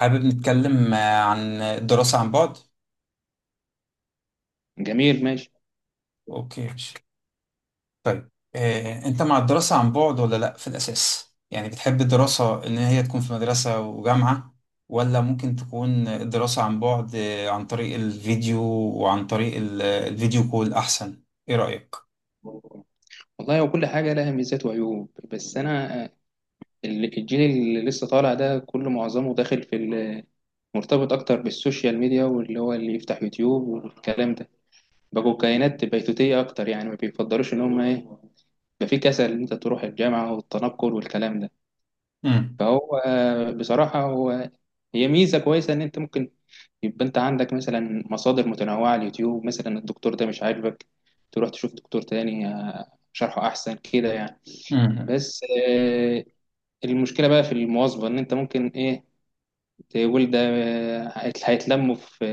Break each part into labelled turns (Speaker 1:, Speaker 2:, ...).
Speaker 1: حابب نتكلم عن الدراسة عن بعد؟
Speaker 2: جميل ماشي.
Speaker 1: أوكي ماشي. طيب، أنت مع الدراسة عن بعد ولا لأ في الأساس؟ يعني بتحب الدراسة إن هي تكون في مدرسة وجامعة، ولا ممكن تكون الدراسة عن بعد عن طريق الفيديو وعن طريق الفيديو كول أحسن؟ إيه رأيك؟
Speaker 2: والله وكل حاجة لها ميزات وعيوب، بس أنا الجيل اللي لسه طالع ده كله معظمه داخل في مرتبط اكتر بالسوشيال ميديا، واللي هو اللي يفتح يوتيوب والكلام ده. بقوا كائنات بيتوتية اكتر، يعني ما بيفضلوش ان هم ايه، يبقى في كسل ان انت تروح الجامعة والتنقل والكلام ده.
Speaker 1: امم
Speaker 2: فهو بصراحة هي ميزة كويسة ان انت ممكن يبقى انت عندك مثلا مصادر متنوعة على اليوتيوب، مثلا الدكتور ده مش عاجبك تروح تشوف دكتور تاني شرحه احسن كده يعني. بس آه، المشكلة بقى في المواظبة، ان انت ممكن ايه، تقول ده هيتلموا في،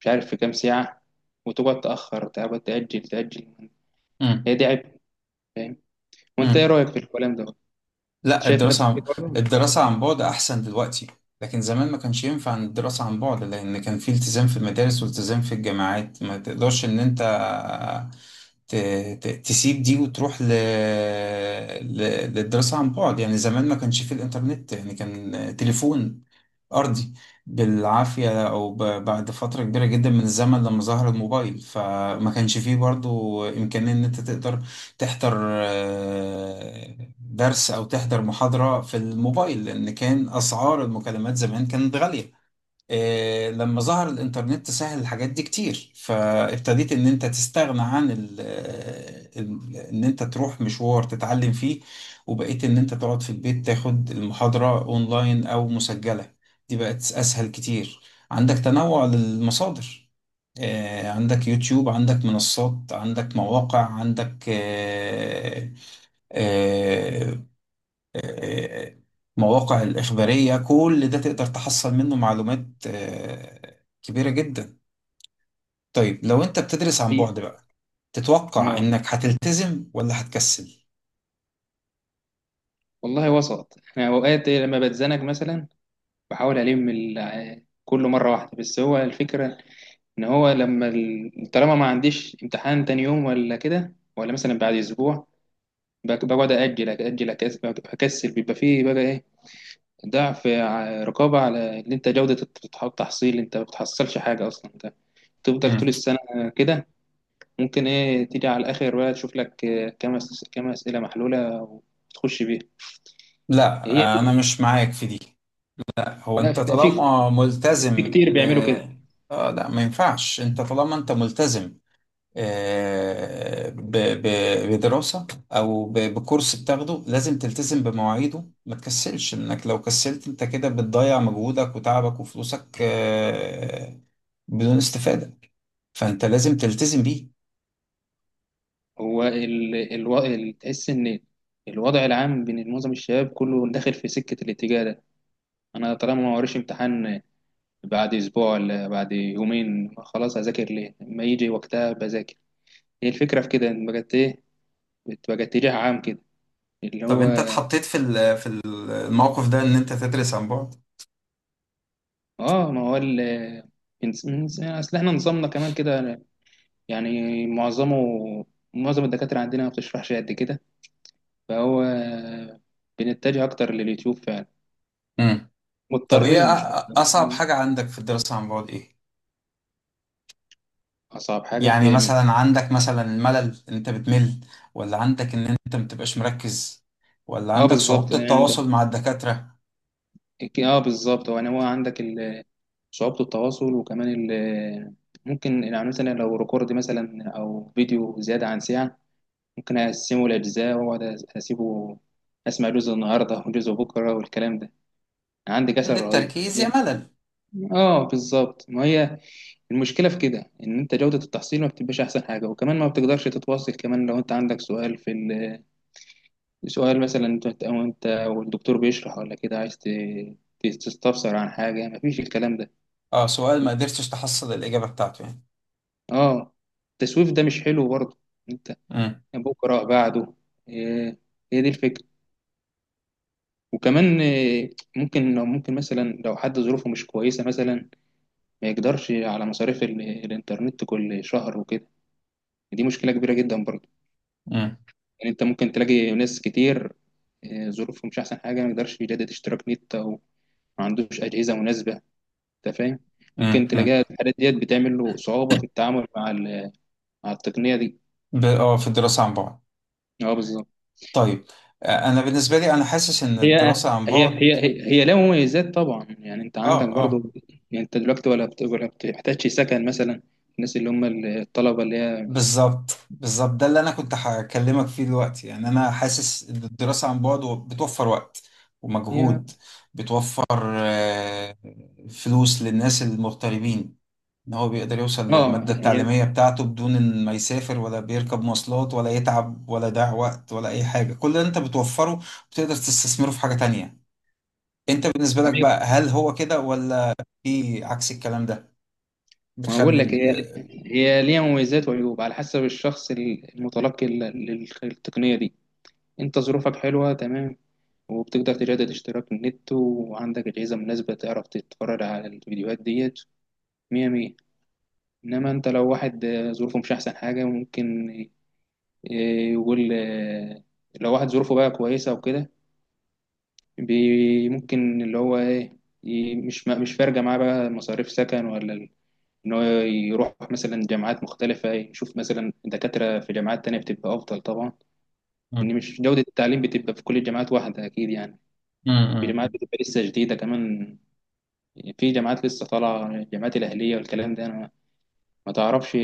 Speaker 2: مش عارف، في كام ساعة، وتقعد تأخر، تقعد تأجل تأجل. هي دي عيب، فاهم؟ وأنت إيه
Speaker 1: امم.
Speaker 2: رأيك في الكلام ده؟
Speaker 1: لا،
Speaker 2: شايف نفسك كده برضه ولا
Speaker 1: الدراسة عن بعد أحسن دلوقتي، لكن زمان ما كانش ينفع إن الدراسة عن بعد، لأن كان في التزام في المدارس والتزام في الجامعات، ما تقدرش إن أنت ت... تسيب دي وتروح ل... للدراسة عن بعد. يعني زمان ما كانش في الإنترنت، يعني كان تليفون أرضي بالعافية، أو بعد فترة كبيرة جدا من الزمن لما ظهر الموبايل، فما كانش فيه برضو إمكانية إن أنت تقدر تحضر درس أو تحضر محاضرة في الموبايل، لأن كان أسعار المكالمات زمان كانت غالية. لما ظهر الإنترنت سهل الحاجات دي كتير، فابتديت إن أنت تستغنى عن إن أنت تروح مشوار تتعلم فيه، وبقيت إن أنت تقعد في البيت تاخد المحاضرة أونلاين أو مسجلة. دي بقت أسهل كتير، عندك تنوع للمصادر، عندك يوتيوب، عندك منصات، عندك مواقع، عندك آه، آه، مواقع الإخبارية. كل ده تقدر تحصل منه معلومات كبيرة جدا. طيب لو أنت بتدرس عن بعد
Speaker 2: إيه؟
Speaker 1: بقى، تتوقع
Speaker 2: آه،
Speaker 1: إنك هتلتزم ولا هتكسل؟
Speaker 2: والله وسط. أنا أوقات لما بتزنق مثلا بحاول ألم كله مرة واحدة، بس هو الفكرة إن هو لما طالما ما عنديش امتحان تاني يوم ولا كده، ولا مثلا بعد أسبوع، بقعد أجل أجل، أكسل، بيبقى فيه بقى إيه، ضعف رقابة على إن أنت جودة التحصيل، أنت ما بتحصلش حاجة أصلا، أنت تفضل طول
Speaker 1: مم.
Speaker 2: السنة كده. ممكن إيه تيجي على الآخر بقى، تشوف لك كام كام أسئلة محلولة وتخش بيها.
Speaker 1: لا،
Speaker 2: هي
Speaker 1: أنا
Speaker 2: دي.
Speaker 1: مش معاك في دي. هو
Speaker 2: لا،
Speaker 1: أنت
Speaker 2: في، لا، في،
Speaker 1: طالما
Speaker 2: في
Speaker 1: ملتزم
Speaker 2: كتير
Speaker 1: ب،
Speaker 2: بيعملوا كده.
Speaker 1: آه لا، ما ينفعش. أنت طالما أنت ملتزم ب- بدراسة أو بكورس بتاخده، لازم تلتزم بمواعيده، ما تكسلش. إنك لو كسلت أنت كده بتضيع مجهودك وتعبك وفلوسك بدون استفادة، فأنت لازم تلتزم بيه.
Speaker 2: هو تحس إن الوضع العام بين معظم الشباب كله داخل في سكة الاتجاه ده. أنا طالما ما وريش امتحان بعد أسبوع ولا بعد يومين، خلاص هذاكر ليه؟ لما يجي وقتها بذاكر. هي الفكرة في كده، إن بجد إيه، بتبقى اتجاه عام كده، اللي
Speaker 1: طب أنت
Speaker 2: هو.
Speaker 1: اتحطيت في في الموقف ده إن أنت تدرس عن بعد؟
Speaker 2: اه، ما هو اصل احنا نظامنا كمان كده، يعني معظم الدكاترة عندنا ما بتشرحش قد كده، فهو بنتجه اكتر لليوتيوب فعلا،
Speaker 1: مم. طب إيه
Speaker 2: مضطرين مش اكتر.
Speaker 1: أصعب
Speaker 2: مم.
Speaker 1: حاجة عندك في الدراسة عن بعد إيه؟
Speaker 2: اصعب حاجة
Speaker 1: يعني
Speaker 2: في من،
Speaker 1: مثلا عندك مثلا ملل، ان انت بتمل، ولا عندك ان انت متبقاش مركز، ولا
Speaker 2: اه
Speaker 1: عندك
Speaker 2: بالظبط
Speaker 1: صعوبة
Speaker 2: يعني انت،
Speaker 1: التواصل مع الدكاترة؟
Speaker 2: اه بالظبط، هو يعني هو عندك صعوبة التواصل، وكمان ممكن يعني مثلا لو ريكورد مثلا او فيديو زيادة عن ساعة، ممكن أقسمه لأجزاء وأقعد أسيبه، أسمع جزء النهاردة وجزء بكرة والكلام ده. عندي كسل
Speaker 1: قلة
Speaker 2: رهيب
Speaker 1: التركيز يا
Speaker 2: طبيعي.
Speaker 1: ملل.
Speaker 2: آه، بالظبط، ما هي المشكلة في كده، إن أنت جودة التحصيل ما بتبقاش أحسن حاجة، وكمان ما بتقدرش تتواصل. كمان لو أنت عندك سؤال في سؤال مثلا أنت، أو أنت والدكتور بيشرح ولا كده، عايز تستفسر عن حاجة، مفيش الكلام ده.
Speaker 1: اه، سؤال ما قدرتش تحصل الإجابة بتاعته يعني.
Speaker 2: آه، التسويف ده مش حلو برضه. أنت
Speaker 1: امم
Speaker 2: بكرة بعده، إيه، هي دي الفكرة. وكمان ممكن لو ممكن مثلا لو حد ظروفه مش كويسة مثلا، ما يقدرش على مصاريف الإنترنت كل شهر وكده، دي مشكلة كبيرة جدا برضه.
Speaker 1: امم
Speaker 2: يعني أنت ممكن تلاقي ناس كتير ظروفهم مش أحسن حاجة، ما يقدرش يجدد اشتراك نت، أو ما عندوش أجهزة مناسبة، أنت فاهم.
Speaker 1: امم
Speaker 2: ممكن
Speaker 1: امم
Speaker 2: تلاقيها الحاجات ديت بتعمل له صعوبة في التعامل مع مع التقنية دي.
Speaker 1: اه، في الدراسة عن بعد.
Speaker 2: أه بالظبط.
Speaker 1: طيب انا بالنسبة لي انا حاسس ان
Speaker 2: هي
Speaker 1: الدراسة عن
Speaker 2: هي هي
Speaker 1: بعد،
Speaker 2: هي هي لها مميزات طبعا، يعني انت
Speaker 1: اه
Speaker 2: عندك
Speaker 1: اه،
Speaker 2: برضو، يعني انت دلوقتي ولا ولا بتحتاجش سكن مثلا، الناس اللي هم الطلبه اللي هي.
Speaker 1: بالظبط. بالظبط ده اللي انا كنت هكلمك فيه دلوقتي. يعني انا حاسس ان الدراسه عن بعد بتوفر وقت
Speaker 2: هي،
Speaker 1: ومجهود، بتوفر آه، فلوس للناس المغتربين، ان هو بيقدر يوصل
Speaker 2: اه
Speaker 1: للماده
Speaker 2: هي،
Speaker 1: التعليميه بتاعته بدون ان ما يسافر ولا بيركب مواصلات ولا يتعب ولا يضيع وقت ولا اي حاجه. كل اللي انت بتوفره بتقدر تستثمره في حاجه تانية. انت بالنسبه لك
Speaker 2: ايوه،
Speaker 1: بقى هل هو كده، ولا في عكس الكلام ده؟
Speaker 2: ما بقول
Speaker 1: بتخلي
Speaker 2: لك،
Speaker 1: ال...
Speaker 2: هي ليها مميزات وعيوب على حسب الشخص المتلقي للتقنيه دي. انت ظروفك حلوه تمام، وبتقدر تجدد اشتراك النت، وعندك اجهزه مناسبه، تعرف تتفرج على الفيديوهات ديت، مية مية. انما انت لو واحد ظروفه مش احسن حاجه، ممكن إيه، يقول آه، لو واحد ظروفه بقى كويسة وكده، ممكن اللي هو ايه، مش فارقة معاه بقى مصاريف سكن ولا ان هو يروح مثلا جامعات مختلفة، إيه، يشوف مثلا دكاترة في جامعات تانية بتبقى أفضل طبعا. إن
Speaker 1: مم.
Speaker 2: مش جودة التعليم بتبقى في كل الجامعات واحدة، أكيد يعني،
Speaker 1: مم.
Speaker 2: في جامعات
Speaker 1: مم.
Speaker 2: بتبقى لسه جديدة كمان، يعني في جامعات لسه طالعة، الجامعات الأهلية والكلام ده، أنا ما تعرفش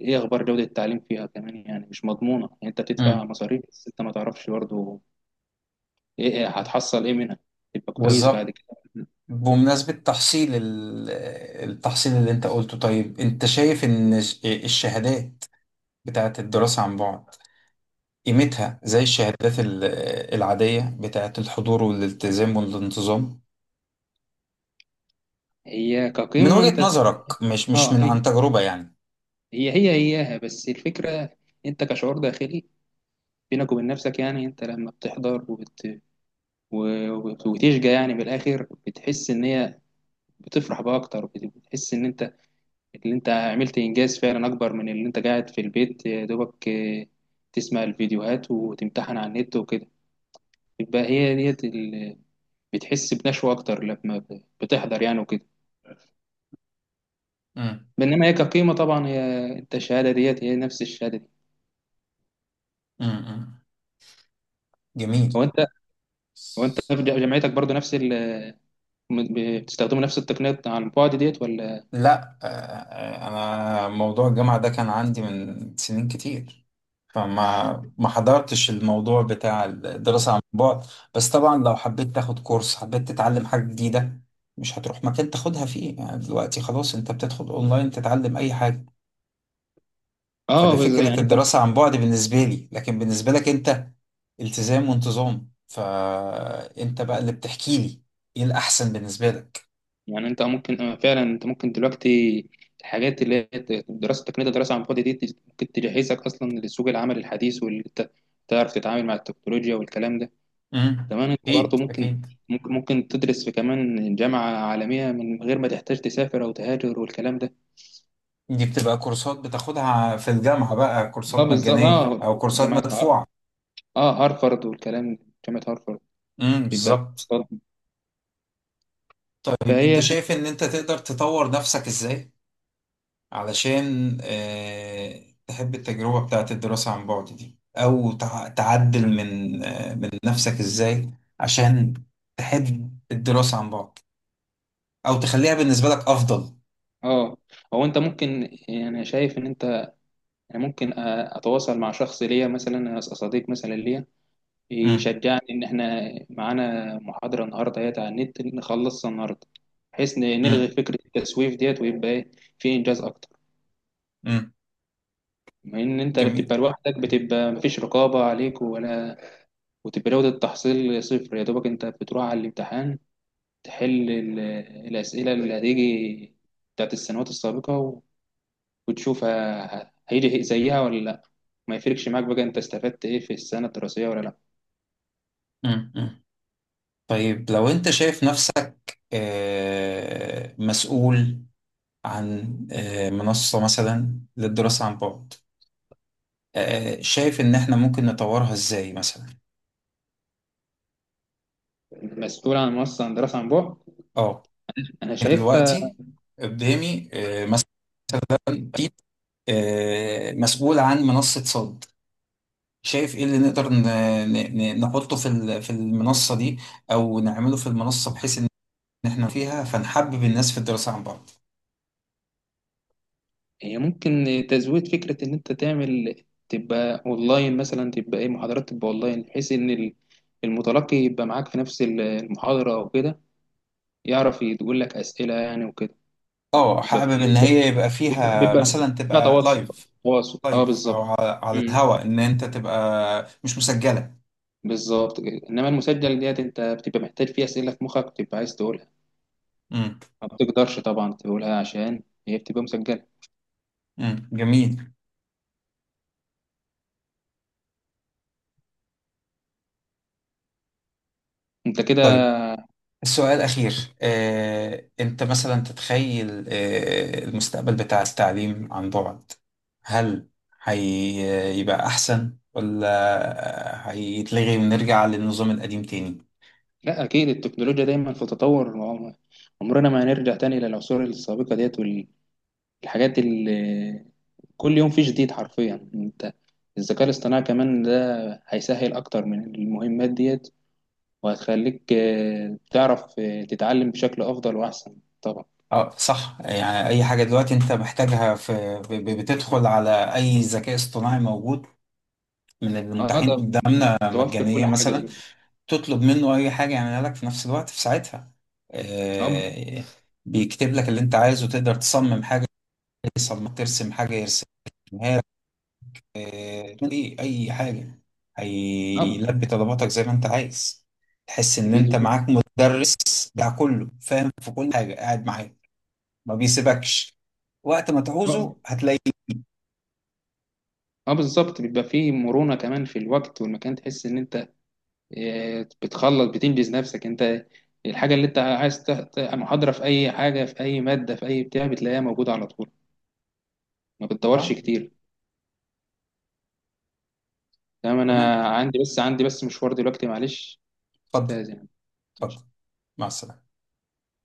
Speaker 2: ايه اخبار جودة التعليم فيها، كمان يعني مش مضمونة، يعني انت بتدفع
Speaker 1: مم.
Speaker 2: مصاريف، بس انت ما تعرفش برضه ايه إيه، هتحصل ايه منها تبقى كويس بعد
Speaker 1: بالظبط.
Speaker 2: كده.
Speaker 1: بمناسبة تحصيل التحصيل اللي انت قلته، طيب انت شايف ان الشهادات بتاعت الدراسة عن بعد قيمتها زي الشهادات العادية بتاعت الحضور والالتزام والانتظام؟
Speaker 2: هي
Speaker 1: من
Speaker 2: كقيمة
Speaker 1: وجهة
Speaker 2: انت بتحبها،
Speaker 1: نظرك، مش
Speaker 2: اه،
Speaker 1: من
Speaker 2: هي
Speaker 1: عن تجربة يعني.
Speaker 2: هي هي هياها، بس الفكرة انت كشعور داخلي بينك وبين نفسك، يعني انت لما بتحضر وتشجع، يعني بالاخر بتحس ان هي بتفرح بقى اكتر، بتحس ان انت، اللي انت عملت انجاز فعلا اكبر من اللي انت قاعد في البيت يا دوبك تسمع الفيديوهات وتمتحن على النت وكده. يبقى هي ديت بتحس بنشوة اكتر لما بتحضر يعني وكده.
Speaker 1: امم
Speaker 2: بينما هي كقيمه طبعا، هي انت الشهاده ديت هي نفس الشهاده دي.
Speaker 1: امم. جميل.
Speaker 2: هو انت هو انت في جامعتك برضو، نفس بتستخدموا نفس التقنيات على البعد ديت ولا؟
Speaker 1: لا انا موضوع الجامعة ده كان عندي من سنين كتير، فما ما حضرتش الموضوع بتاع الدراسة عن بعد. بس طبعا لو حبيت تاخد كورس، حبيت تتعلم حاجة جديدة، مش هتروح مكان تاخدها فيه. يعني دلوقتي خلاص انت بتدخل اونلاين تتعلم اي حاجة.
Speaker 2: اه،
Speaker 1: فده فكرة
Speaker 2: يعني انت،
Speaker 1: الدراسة عن بعد بالنسبة لي. لكن بالنسبة لك انت، التزام وانتظام، فانت بقى اللي بتحكي لي ايه الاحسن بالنسبة لك.
Speaker 2: يعني انت ممكن فعلا انت ممكن دلوقتي الحاجات اللي هي دراسه تقنيه الدراسه عن بعد دي، ممكن تجهزك اصلا لسوق العمل الحديث، واللي انت تعرف تتعامل مع التكنولوجيا والكلام ده.
Speaker 1: امم.
Speaker 2: كمان انت برضو
Speaker 1: اكيد
Speaker 2: ممكن،
Speaker 1: اكيد.
Speaker 2: ممكن تدرس في كمان جامعه عالميه من غير ما تحتاج تسافر او تهاجر والكلام ده.
Speaker 1: دي بتبقى كورسات بتاخدها في الجامعة بقى،
Speaker 2: اه
Speaker 1: كورسات
Speaker 2: بالظبط،
Speaker 1: مجانية
Speaker 2: اه
Speaker 1: أو كورسات
Speaker 2: جامعة،
Speaker 1: مدفوعة.
Speaker 2: اه هارفارد والكلام ده، جامعة هارفارد
Speaker 1: امم،
Speaker 2: بيبقى لها
Speaker 1: بالظبط.
Speaker 2: كورسات.
Speaker 1: طيب أنت
Speaker 2: فهي
Speaker 1: شايف إن أنت تقدر تطور نفسك إزاي، علشان تحب التجربة بتاعت الدراسة عن بعد دي، أو تعدل من من نفسك إزاي، عشان تحب الدراسة عن بعد، أو تخليها بالنسبة لك أفضل؟
Speaker 2: اه، هو انت ممكن، يعني شايف ان انت، يعني ممكن اتواصل مع شخص ليا مثلا، صديق مثلا ليا،
Speaker 1: امم
Speaker 2: يشجعني ان احنا معانا محاضرة النهارده هي على النت، نخلصها النهارده، بحيث نلغي
Speaker 1: امم
Speaker 2: فكرة التسويف ديت، ويبقى ايه، في انجاز اكتر.
Speaker 1: امم.
Speaker 2: بما ان انت اللي
Speaker 1: جميل.
Speaker 2: بتبقى لوحدك، بتبقى مفيش رقابة عليك ولا، وتبقى جودة التحصيل صفر، يا دوبك انت بتروح على الامتحان تحل الأسئلة اللي هتيجي بتاعت السنوات السابقة وتشوف هيجي زيها ولا لأ. ما يفرقش معاك بقى أنت استفدت إيه في السنة الدراسية ولا لأ.
Speaker 1: امم. طيب لو أنت شايف نفسك مسؤول عن منصة مثلا للدراسة عن بعد، شايف إن إحنا ممكن نطورها إزاي مثلا؟
Speaker 2: المسؤول عن منصة عن دراسة عن بعد،
Speaker 1: أه،
Speaker 2: أنا شايفها
Speaker 1: دلوقتي قدامي مثلا، أكيد، مسؤول عن منصة صد، شايف إيه اللي نقدر نحطه في في المنصة دي أو نعمله في المنصة، بحيث إن إحنا فيها فنحبب الناس في الدراسة عن بعد.
Speaker 2: هي ممكن تزويد فكرة إن أنت تعمل، تبقى أونلاين مثلا، تبقى إيه، محاضرات تبقى أونلاين، بحيث إن المتلقي يبقى معاك في نفس المحاضرة أو كده، يعرف يقول لك أسئلة يعني وكده. يعني
Speaker 1: اه،
Speaker 2: يبقى
Speaker 1: حابب
Speaker 2: في،
Speaker 1: ان هي يبقى
Speaker 2: بيبقى
Speaker 1: فيها
Speaker 2: بيبقى
Speaker 1: مثلا
Speaker 2: فيها
Speaker 1: تبقى
Speaker 2: تواصل،
Speaker 1: لايف.
Speaker 2: تواصل، اه
Speaker 1: لايف او
Speaker 2: بالظبط.
Speaker 1: على
Speaker 2: امم،
Speaker 1: الهوا، ان انت تبقى مش مسجله.
Speaker 2: بالظبط كده، انما المسجل ديت انت بتبقى محتاج فيها اسئله في مخك بتبقى عايز تقولها،
Speaker 1: امم
Speaker 2: ما بتقدرش طبعا تقولها عشان هي بتبقى مسجله.
Speaker 1: امم. جميل.
Speaker 2: انت كده.
Speaker 1: طيب السؤال الأخير، أنت مثلا تتخيل المستقبل بتاع التعليم عن بعد، هل هيبقى أحسن ولا هيتلغي ونرجع للنظام القديم تاني؟
Speaker 2: لا، اكيد التكنولوجيا دايما في تطور، ما هو عمرنا ما هنرجع تاني للعصور السابقه ديت، والحاجات اللي كل يوم في جديد حرفيا. انت الذكاء الاصطناعي كمان ده هيسهل اكتر من المهمات ديت، وهتخليك تعرف تتعلم بشكل أفضل وأحسن طبعا.
Speaker 1: اه صح. يعني أي حاجة دلوقتي أنت محتاجها في، بتدخل على أي ذكاء اصطناعي موجود من
Speaker 2: اه،
Speaker 1: المتاحين
Speaker 2: ده
Speaker 1: قدامنا
Speaker 2: توفر كل
Speaker 1: مجانية
Speaker 2: حاجة
Speaker 1: مثلا،
Speaker 2: دلوقتي.
Speaker 1: تطلب منه اي حاجه يعملها لك في نفس الوقت في ساعتها.
Speaker 2: اب
Speaker 1: آه، بيكتب لك اللي انت عايزه، تقدر تصمم حاجه يصمم، ترسم حاجه يرسمها لك. اي حاجه
Speaker 2: اب
Speaker 1: هيلبي طلباتك زي ما انت عايز. تحس ان انت
Speaker 2: بيدو-
Speaker 1: معاك مدرس بتاع كله، فاهم في كل حاجه، قاعد معاك ما بيسيبكش، وقت ما
Speaker 2: اه
Speaker 1: تعوزه هتلاقيه.
Speaker 2: بالظبط، بيبقى فيه مرونة كمان في الوقت والمكان، تحس إن أنت بتخلص، بتنجز نفسك. أنت الحاجة اللي أنت عايز محاضرة في أي حاجة، في أي مادة، في أي بتاع، بتلاقيها موجودة على طول، ما
Speaker 1: آه،
Speaker 2: بتدورش كتير. تمام،
Speaker 1: تمام،
Speaker 2: أنا عندي بس، عندي بس مشوار دلوقتي، معلش
Speaker 1: اتفضل
Speaker 2: أستاذ يعني.
Speaker 1: اتفضل، مع السلامه.